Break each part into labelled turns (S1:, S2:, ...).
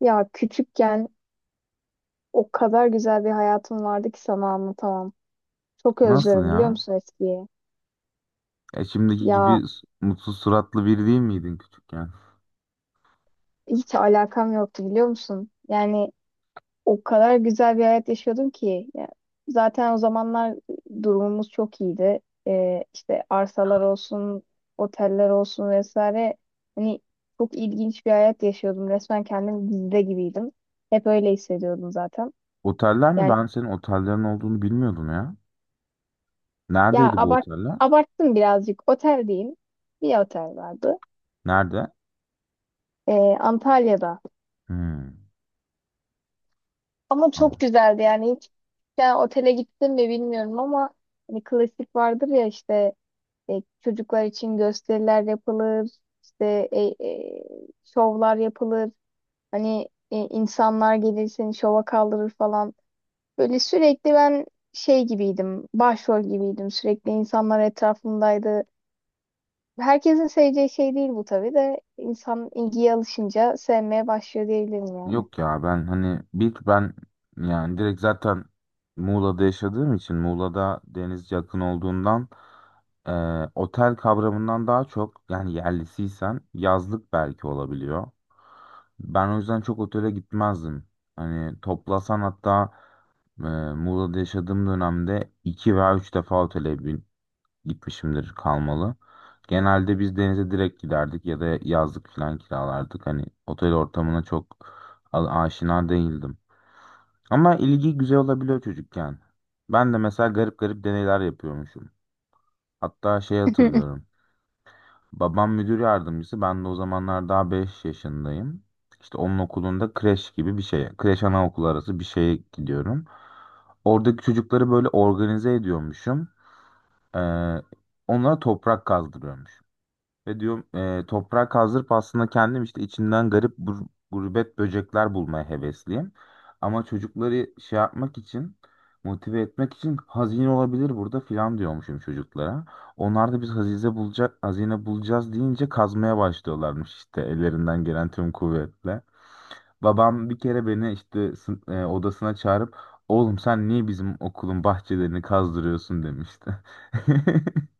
S1: Ya küçükken o kadar güzel bir hayatım vardı ki sana anlatamam. Çok
S2: Nasıl
S1: özlüyorum biliyor
S2: ya?
S1: musun eskiyi?
S2: Şimdiki
S1: Ya
S2: gibi mutsuz suratlı biri değil miydin küçükken?
S1: hiç alakam yoktu biliyor musun? Yani o kadar güzel bir hayat yaşıyordum ki. Ya, zaten o zamanlar durumumuz çok iyiydi. İşte arsalar olsun, oteller olsun vesaire. Hani çok ilginç bir hayat yaşıyordum. Resmen kendim dizide gibiydim. Hep öyle hissediyordum zaten.
S2: Oteller mi?
S1: Yani
S2: Ben senin otellerin olduğunu bilmiyordum ya.
S1: ya
S2: Neredeydi bu
S1: abart
S2: oteller?
S1: abarttım birazcık. Oteldeyim. Bir otel vardı.
S2: Nerede?
S1: Ee, Antalya'da.
S2: Hmm.
S1: Ama çok
S2: Anladım.
S1: güzeldi yani hiç yani otele gittim mi bilmiyorum ama hani klasik vardır ya işte çocuklar için gösteriler yapılır, işte e, şovlar yapılır. Hani insanlar gelir seni şova kaldırır falan. Böyle sürekli ben şey gibiydim, başrol gibiydim. Sürekli insanlar etrafımdaydı. Herkesin seveceği şey değil bu tabii de insan ilgiye alışınca sevmeye başlıyor diyebilirim yani.
S2: Yok ya, ben hani bir ben yani direkt zaten Muğla'da yaşadığım için Muğla'da deniz yakın olduğundan, e, otel kavramından daha çok, yani yerlisiysen yazlık belki olabiliyor. Ben o yüzden çok otele gitmezdim. Hani toplasan hatta, Ee, Muğla'da yaşadığım dönemde 2 veya 3 defa otele gitmişimdir kalmalı. Genelde biz denize direkt giderdik ya da yazlık falan kiralardık. Hani otel ortamına çok aşina değildim. Ama ilgi güzel olabiliyor çocukken. Ben de mesela garip garip deneyler yapıyormuşum. Hatta şey hatırlıyorum. Babam müdür yardımcısı. Ben de o zamanlar daha 5 yaşındayım. İşte onun okulunda kreş gibi bir şeye, kreş anaokulu arası bir şeye gidiyorum. Oradaki çocukları böyle organize ediyormuşum. Ee, Onlara toprak kazdırıyormuşum. Ve diyorum toprak kazdırıp aslında kendim işte içinden garip gurbet böcekler bulmaya hevesliyim. Ama çocukları şey yapmak için, motive etmek için, hazine olabilir burada filan diyormuşum çocuklara. Onlar da biz hazine bulacağız deyince kazmaya başlıyorlarmış işte ellerinden gelen tüm kuvvetle. Babam bir kere beni işte odasına çağırıp oğlum sen niye bizim okulun bahçelerini kazdırıyorsun demişti.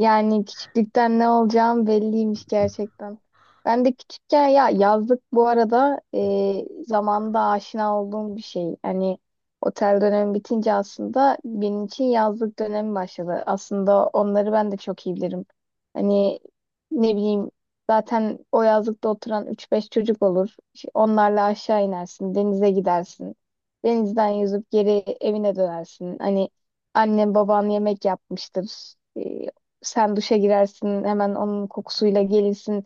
S1: Yani küçüklükten ne olacağım belliymiş gerçekten. Ben de küçükken ya yazlık bu arada zamanında aşina olduğum bir şey. Hani otel dönemi bitince aslında benim için yazlık dönemi başladı. Aslında onları ben de çok iyi bilirim. Hani ne bileyim zaten o yazlıkta oturan üç beş çocuk olur. İşte onlarla aşağı inersin, denize gidersin. Denizden yüzüp geri evine dönersin. Hani annen baban yemek yapmıştır. E, sen duşa girersin, hemen onun kokusuyla gelirsin.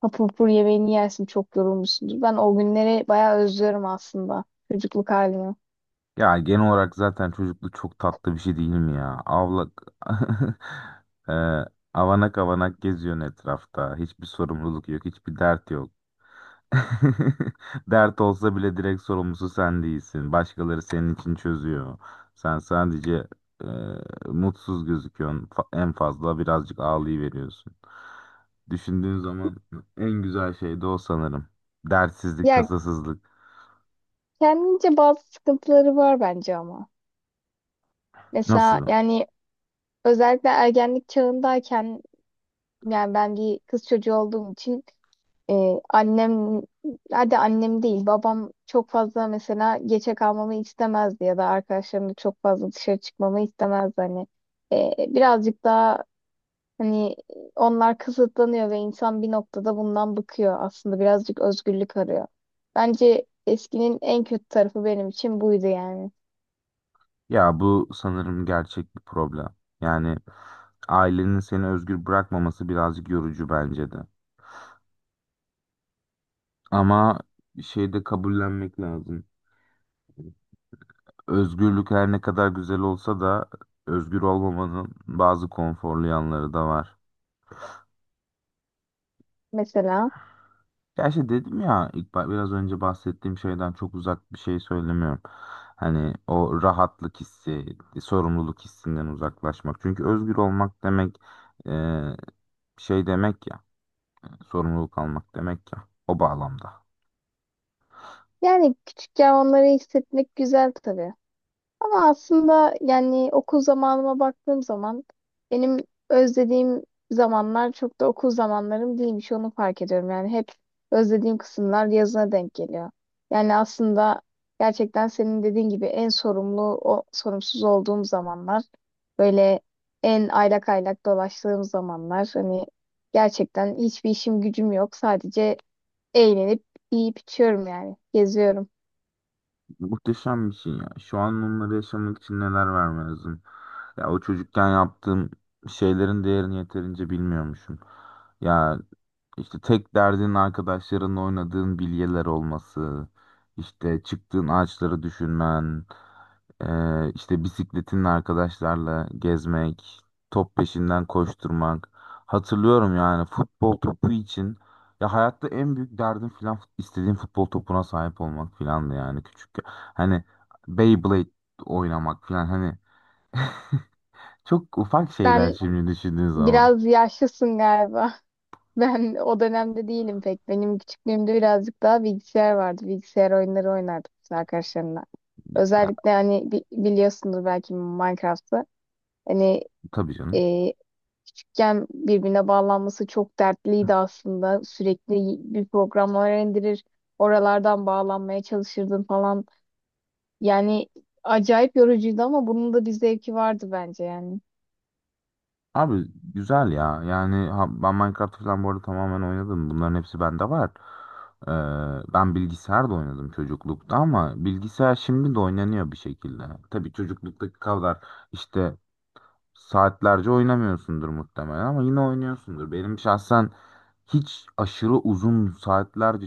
S1: Hapur hapur yemeğini yersin, çok yorulmuşsundur. Ben o günleri bayağı özlüyorum aslında, çocukluk halimi.
S2: Ya genel olarak zaten çocukluk çok tatlı bir şey değil mi ya? E, avanak avanak geziyorsun etrafta. Hiçbir sorumluluk yok, hiçbir dert yok. Dert olsa bile direkt sorumlusu sen değilsin. Başkaları senin için çözüyor. Sen sadece e, mutsuz gözüküyorsun. En fazla birazcık ağlayıveriyorsun. Düşündüğün zaman en güzel şey de o sanırım. Dertsizlik,
S1: Ya
S2: tasasızlık.
S1: kendince bazı sıkıntıları var bence ama. Mesela
S2: Nasıl?
S1: yani özellikle ergenlik çağındayken, yani ben bir kız çocuğu olduğum için e, annem, hadi annem değil, babam çok fazla mesela geçe kalmamı istemezdi ya da arkadaşlarımla çok fazla dışarı çıkmamı istemezdi. Hani birazcık daha hani onlar kısıtlanıyor ve insan bir noktada bundan bıkıyor. Aslında birazcık özgürlük arıyor. Bence eskinin en kötü tarafı benim için buydu yani.
S2: Ya bu sanırım gerçek bir problem. Yani ailenin seni özgür bırakmaması birazcık yorucu bence de. Ama şeyi de kabullenmek lazım. Özgürlük her ne kadar güzel olsa da özgür olmamanın bazı konforlu yanları da var.
S1: Mesela
S2: Ya işte dedim ya, biraz önce bahsettiğim şeyden çok uzak bir şey söylemiyorum. Hani o rahatlık hissi, sorumluluk hissinden uzaklaşmak. Çünkü özgür olmak demek, e, şey demek ya, sorumluluk almak demek ya. O bağlamda.
S1: yani küçükken onları hissetmek güzel tabii. Ama aslında yani okul zamanıma baktığım zaman benim özlediğim zamanlar çok da okul zamanlarım değilmiş onu fark ediyorum. Yani hep özlediğim kısımlar yazına denk geliyor. Yani aslında gerçekten senin dediğin gibi en sorumlu, o sorumsuz olduğum zamanlar böyle en aylak aylak dolaştığım zamanlar hani gerçekten hiçbir işim gücüm yok sadece eğlenip yiyip içiyorum yani geziyorum.
S2: Muhteşem bir şey ya. Şu an onları yaşamak için neler vermem lazım. Ya o çocukken yaptığım şeylerin değerini yeterince bilmiyormuşum. Ya, İşte tek derdin arkadaşlarınla oynadığın bilyeler olması, işte çıktığın ağaçları düşünmen, işte bisikletinle arkadaşlarla gezmek, top peşinden koşturmak. Hatırlıyorum, yani futbol topu için, ya hayatta en büyük derdim filan istediğim futbol topuna sahip olmak filandı yani küçükken. Hani Beyblade oynamak filan, hani çok ufak şeyler
S1: Sen
S2: şimdi düşündüğün zaman.
S1: biraz yaşlısın galiba. Ben o dönemde değilim pek. Benim küçüklüğümde birazcık daha bilgisayar vardı. Bilgisayar oyunları oynardık biz arkadaşlarımla.
S2: Ya, ya
S1: Özellikle hani biliyorsundur belki Minecraft'ı. Hani
S2: tabii canım.
S1: e, küçükken birbirine bağlanması çok dertliydi aslında. Sürekli bir programlar indirir, oralardan bağlanmaya çalışırdın falan. Yani acayip yorucuydu ama bunun da bir zevki vardı bence yani.
S2: Abi güzel ya. Yani ben Minecraft falan bu arada tamamen oynadım. Bunların hepsi bende var. Ben bilgisayarda oynadım çocuklukta ama bilgisayar şimdi de oynanıyor bir şekilde. Tabii çocukluktaki kadar işte saatlerce oynamıyorsundur muhtemelen ama yine oynuyorsundur. Benim şahsen hiç aşırı uzun saatlerce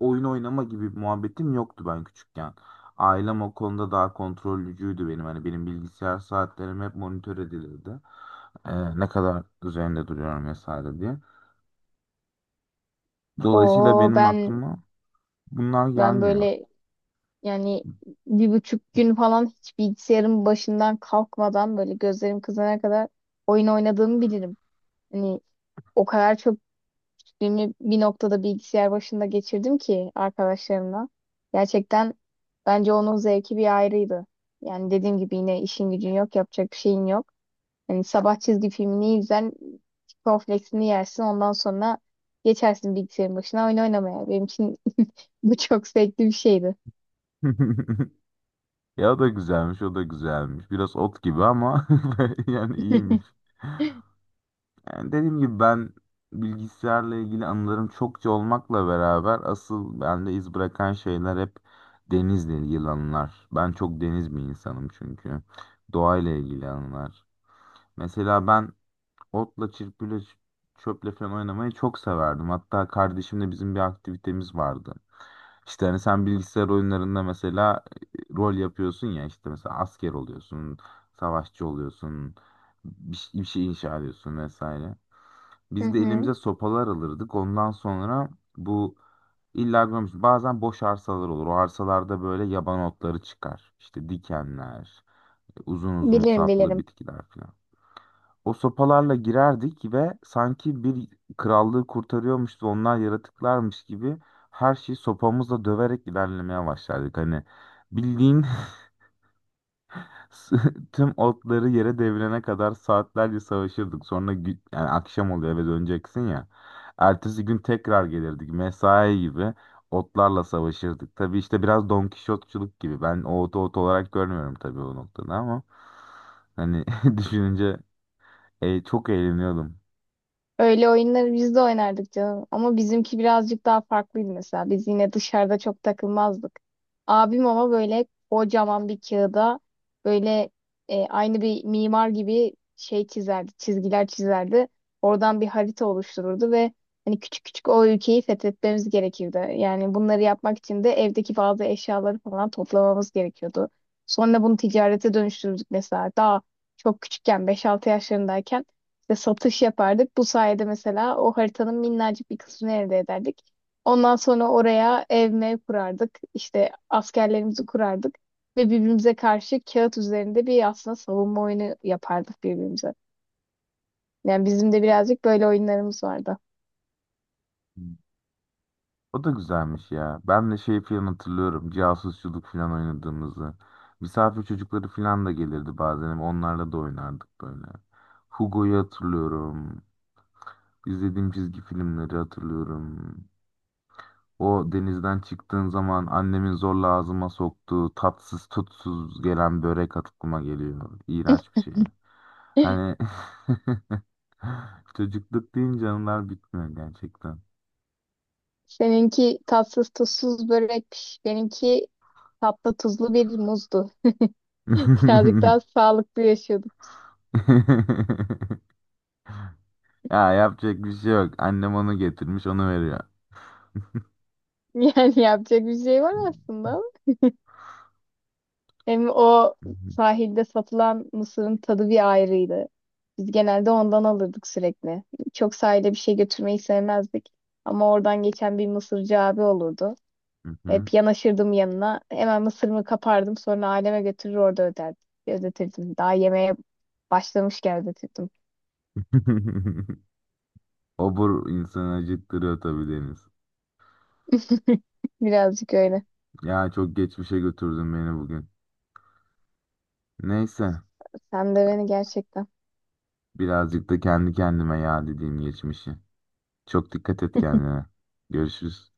S2: oyun oynama gibi bir muhabbetim yoktu ben küçükken. Ailem o konuda daha kontrollücüydü benim. Hani benim bilgisayar saatlerim hep monitör edilirdi. Ne kadar üzerinde duruyorum vesaire diye. Dolayısıyla
S1: Oo
S2: benim
S1: ben
S2: aklıma bunlar
S1: ben
S2: gelmiyor.
S1: böyle yani 1,5 gün falan hiç bilgisayarın başından kalkmadan böyle gözlerim kızarana kadar oyun oynadığımı bilirim. Hani o kadar çok günü bir noktada bilgisayar başında geçirdim ki arkadaşlarımla. Gerçekten bence onun zevki bir ayrıydı. Yani dediğim gibi yine işin gücün yok, yapacak bir şeyin yok. Hani sabah çizgi filmini izler, cornflakes'ini yersin ondan sonra geçersin bilgisayarın başına oyun oynamaya. Benim için bu çok zevkli bir şeydi.
S2: Ya o da güzelmiş, o da güzelmiş. Biraz ot gibi ama yani iyiymiş. Yani dediğim gibi, ben bilgisayarla ilgili anılarım çokça olmakla beraber asıl bende iz bırakan şeyler hep denizle ilgili anılar. Ben çok deniz bir insanım çünkü. Doğayla ilgili anılar. Mesela ben otla, çırpıyla, çöple falan oynamayı çok severdim. Hatta kardeşimle bizim bir aktivitemiz vardı. İşte hani sen bilgisayar oyunlarında mesela rol yapıyorsun ya, işte mesela asker oluyorsun, savaşçı oluyorsun, bir şey inşa ediyorsun vesaire.
S1: Hı
S2: Biz de
S1: hı.
S2: elimize sopalar alırdık. Ondan sonra bu illa görmüş, bazen boş arsalar olur. O arsalarda böyle yaban otları çıkar. İşte dikenler, uzun uzun
S1: Bilirim,
S2: saplı
S1: bilirim.
S2: bitkiler falan. O sopalarla girerdik ve sanki bir krallığı kurtarıyormuş ve onlar yaratıklarmış gibi her şeyi sopamızla döverek ilerlemeye başlardık. Hani bildiğin tüm otları yere devirene kadar saatlerce savaşırdık. Sonra yani akşam oluyor eve döneceksin ya. Ertesi gün tekrar gelirdik. Mesai gibi otlarla savaşırdık. Tabii işte biraz Don Kişotçuluk gibi. Ben o otu ot olarak görmüyorum tabii o noktada ama hani düşününce çok eğleniyordum.
S1: Öyle oyunları biz de oynardık canım. Ama bizimki birazcık daha farklıydı mesela. Biz yine dışarıda çok takılmazdık. Abim ama böyle kocaman bir kağıda böyle aynı bir mimar gibi şey çizerdi, çizgiler çizerdi. Oradan bir harita oluştururdu ve hani küçük küçük o ülkeyi fethetmemiz gerekirdi. Yani bunları yapmak için de evdeki bazı eşyaları falan toplamamız gerekiyordu. Sonra bunu ticarete dönüştürdük mesela. Daha çok küçükken 5-6 yaşlarındayken işte satış yapardık. Bu sayede mesela o haritanın minnacık bir kısmını elde ederdik. Ondan sonra oraya ev mev kurardık. İşte askerlerimizi kurardık. Ve birbirimize karşı kağıt üzerinde bir aslında savunma oyunu yapardık birbirimize. Yani bizim de birazcık böyle oyunlarımız vardı.
S2: O da güzelmiş ya. Ben de şey falan hatırlıyorum. Casusçuluk falan oynadığımızı. Misafir çocukları falan da gelirdi bazen. Onlarla da oynardık böyle. Hugo'yu hatırlıyorum. İzlediğim çizgi filmleri hatırlıyorum. O denizden çıktığın zaman annemin zorla ağzıma soktuğu tatsız tutsuz gelen börek aklıma geliyor. İğrenç bir şey. Hani çocukluk deyince anılar bitmiyor gerçekten.
S1: Seninki tatsız tuzsuz börekmiş. Benimki tatlı tuzlu bir muzdu. Birazcık daha sağlıklı yaşıyorduk.
S2: Ya yapacak bir şey yok. Annem onu getirmiş, onu veriyor.
S1: Yani yapacak bir şey var aslında ama. Hem o sahilde satılan mısırın tadı bir ayrıydı. Biz genelde ondan alırdık sürekli. Çok sahile bir şey götürmeyi sevmezdik. Ama oradan geçen bir mısırcı abi olurdu.
S2: Hı hı.
S1: Hep yanaşırdım yanına. Hemen mısırımı kapardım. Sonra aileme götürür orada öderdim. Ödetirdim. Daha yemeğe başlamışken ödetirdim.
S2: Obur insanı acıktırıyor tabii, Deniz.
S1: Birazcık öyle.
S2: Ya çok geçmişe götürdün beni bugün. Neyse,
S1: Sen de beni gerçekten.
S2: birazcık da kendi kendime ya dediğim geçmişi. Çok dikkat et kendine. Görüşürüz.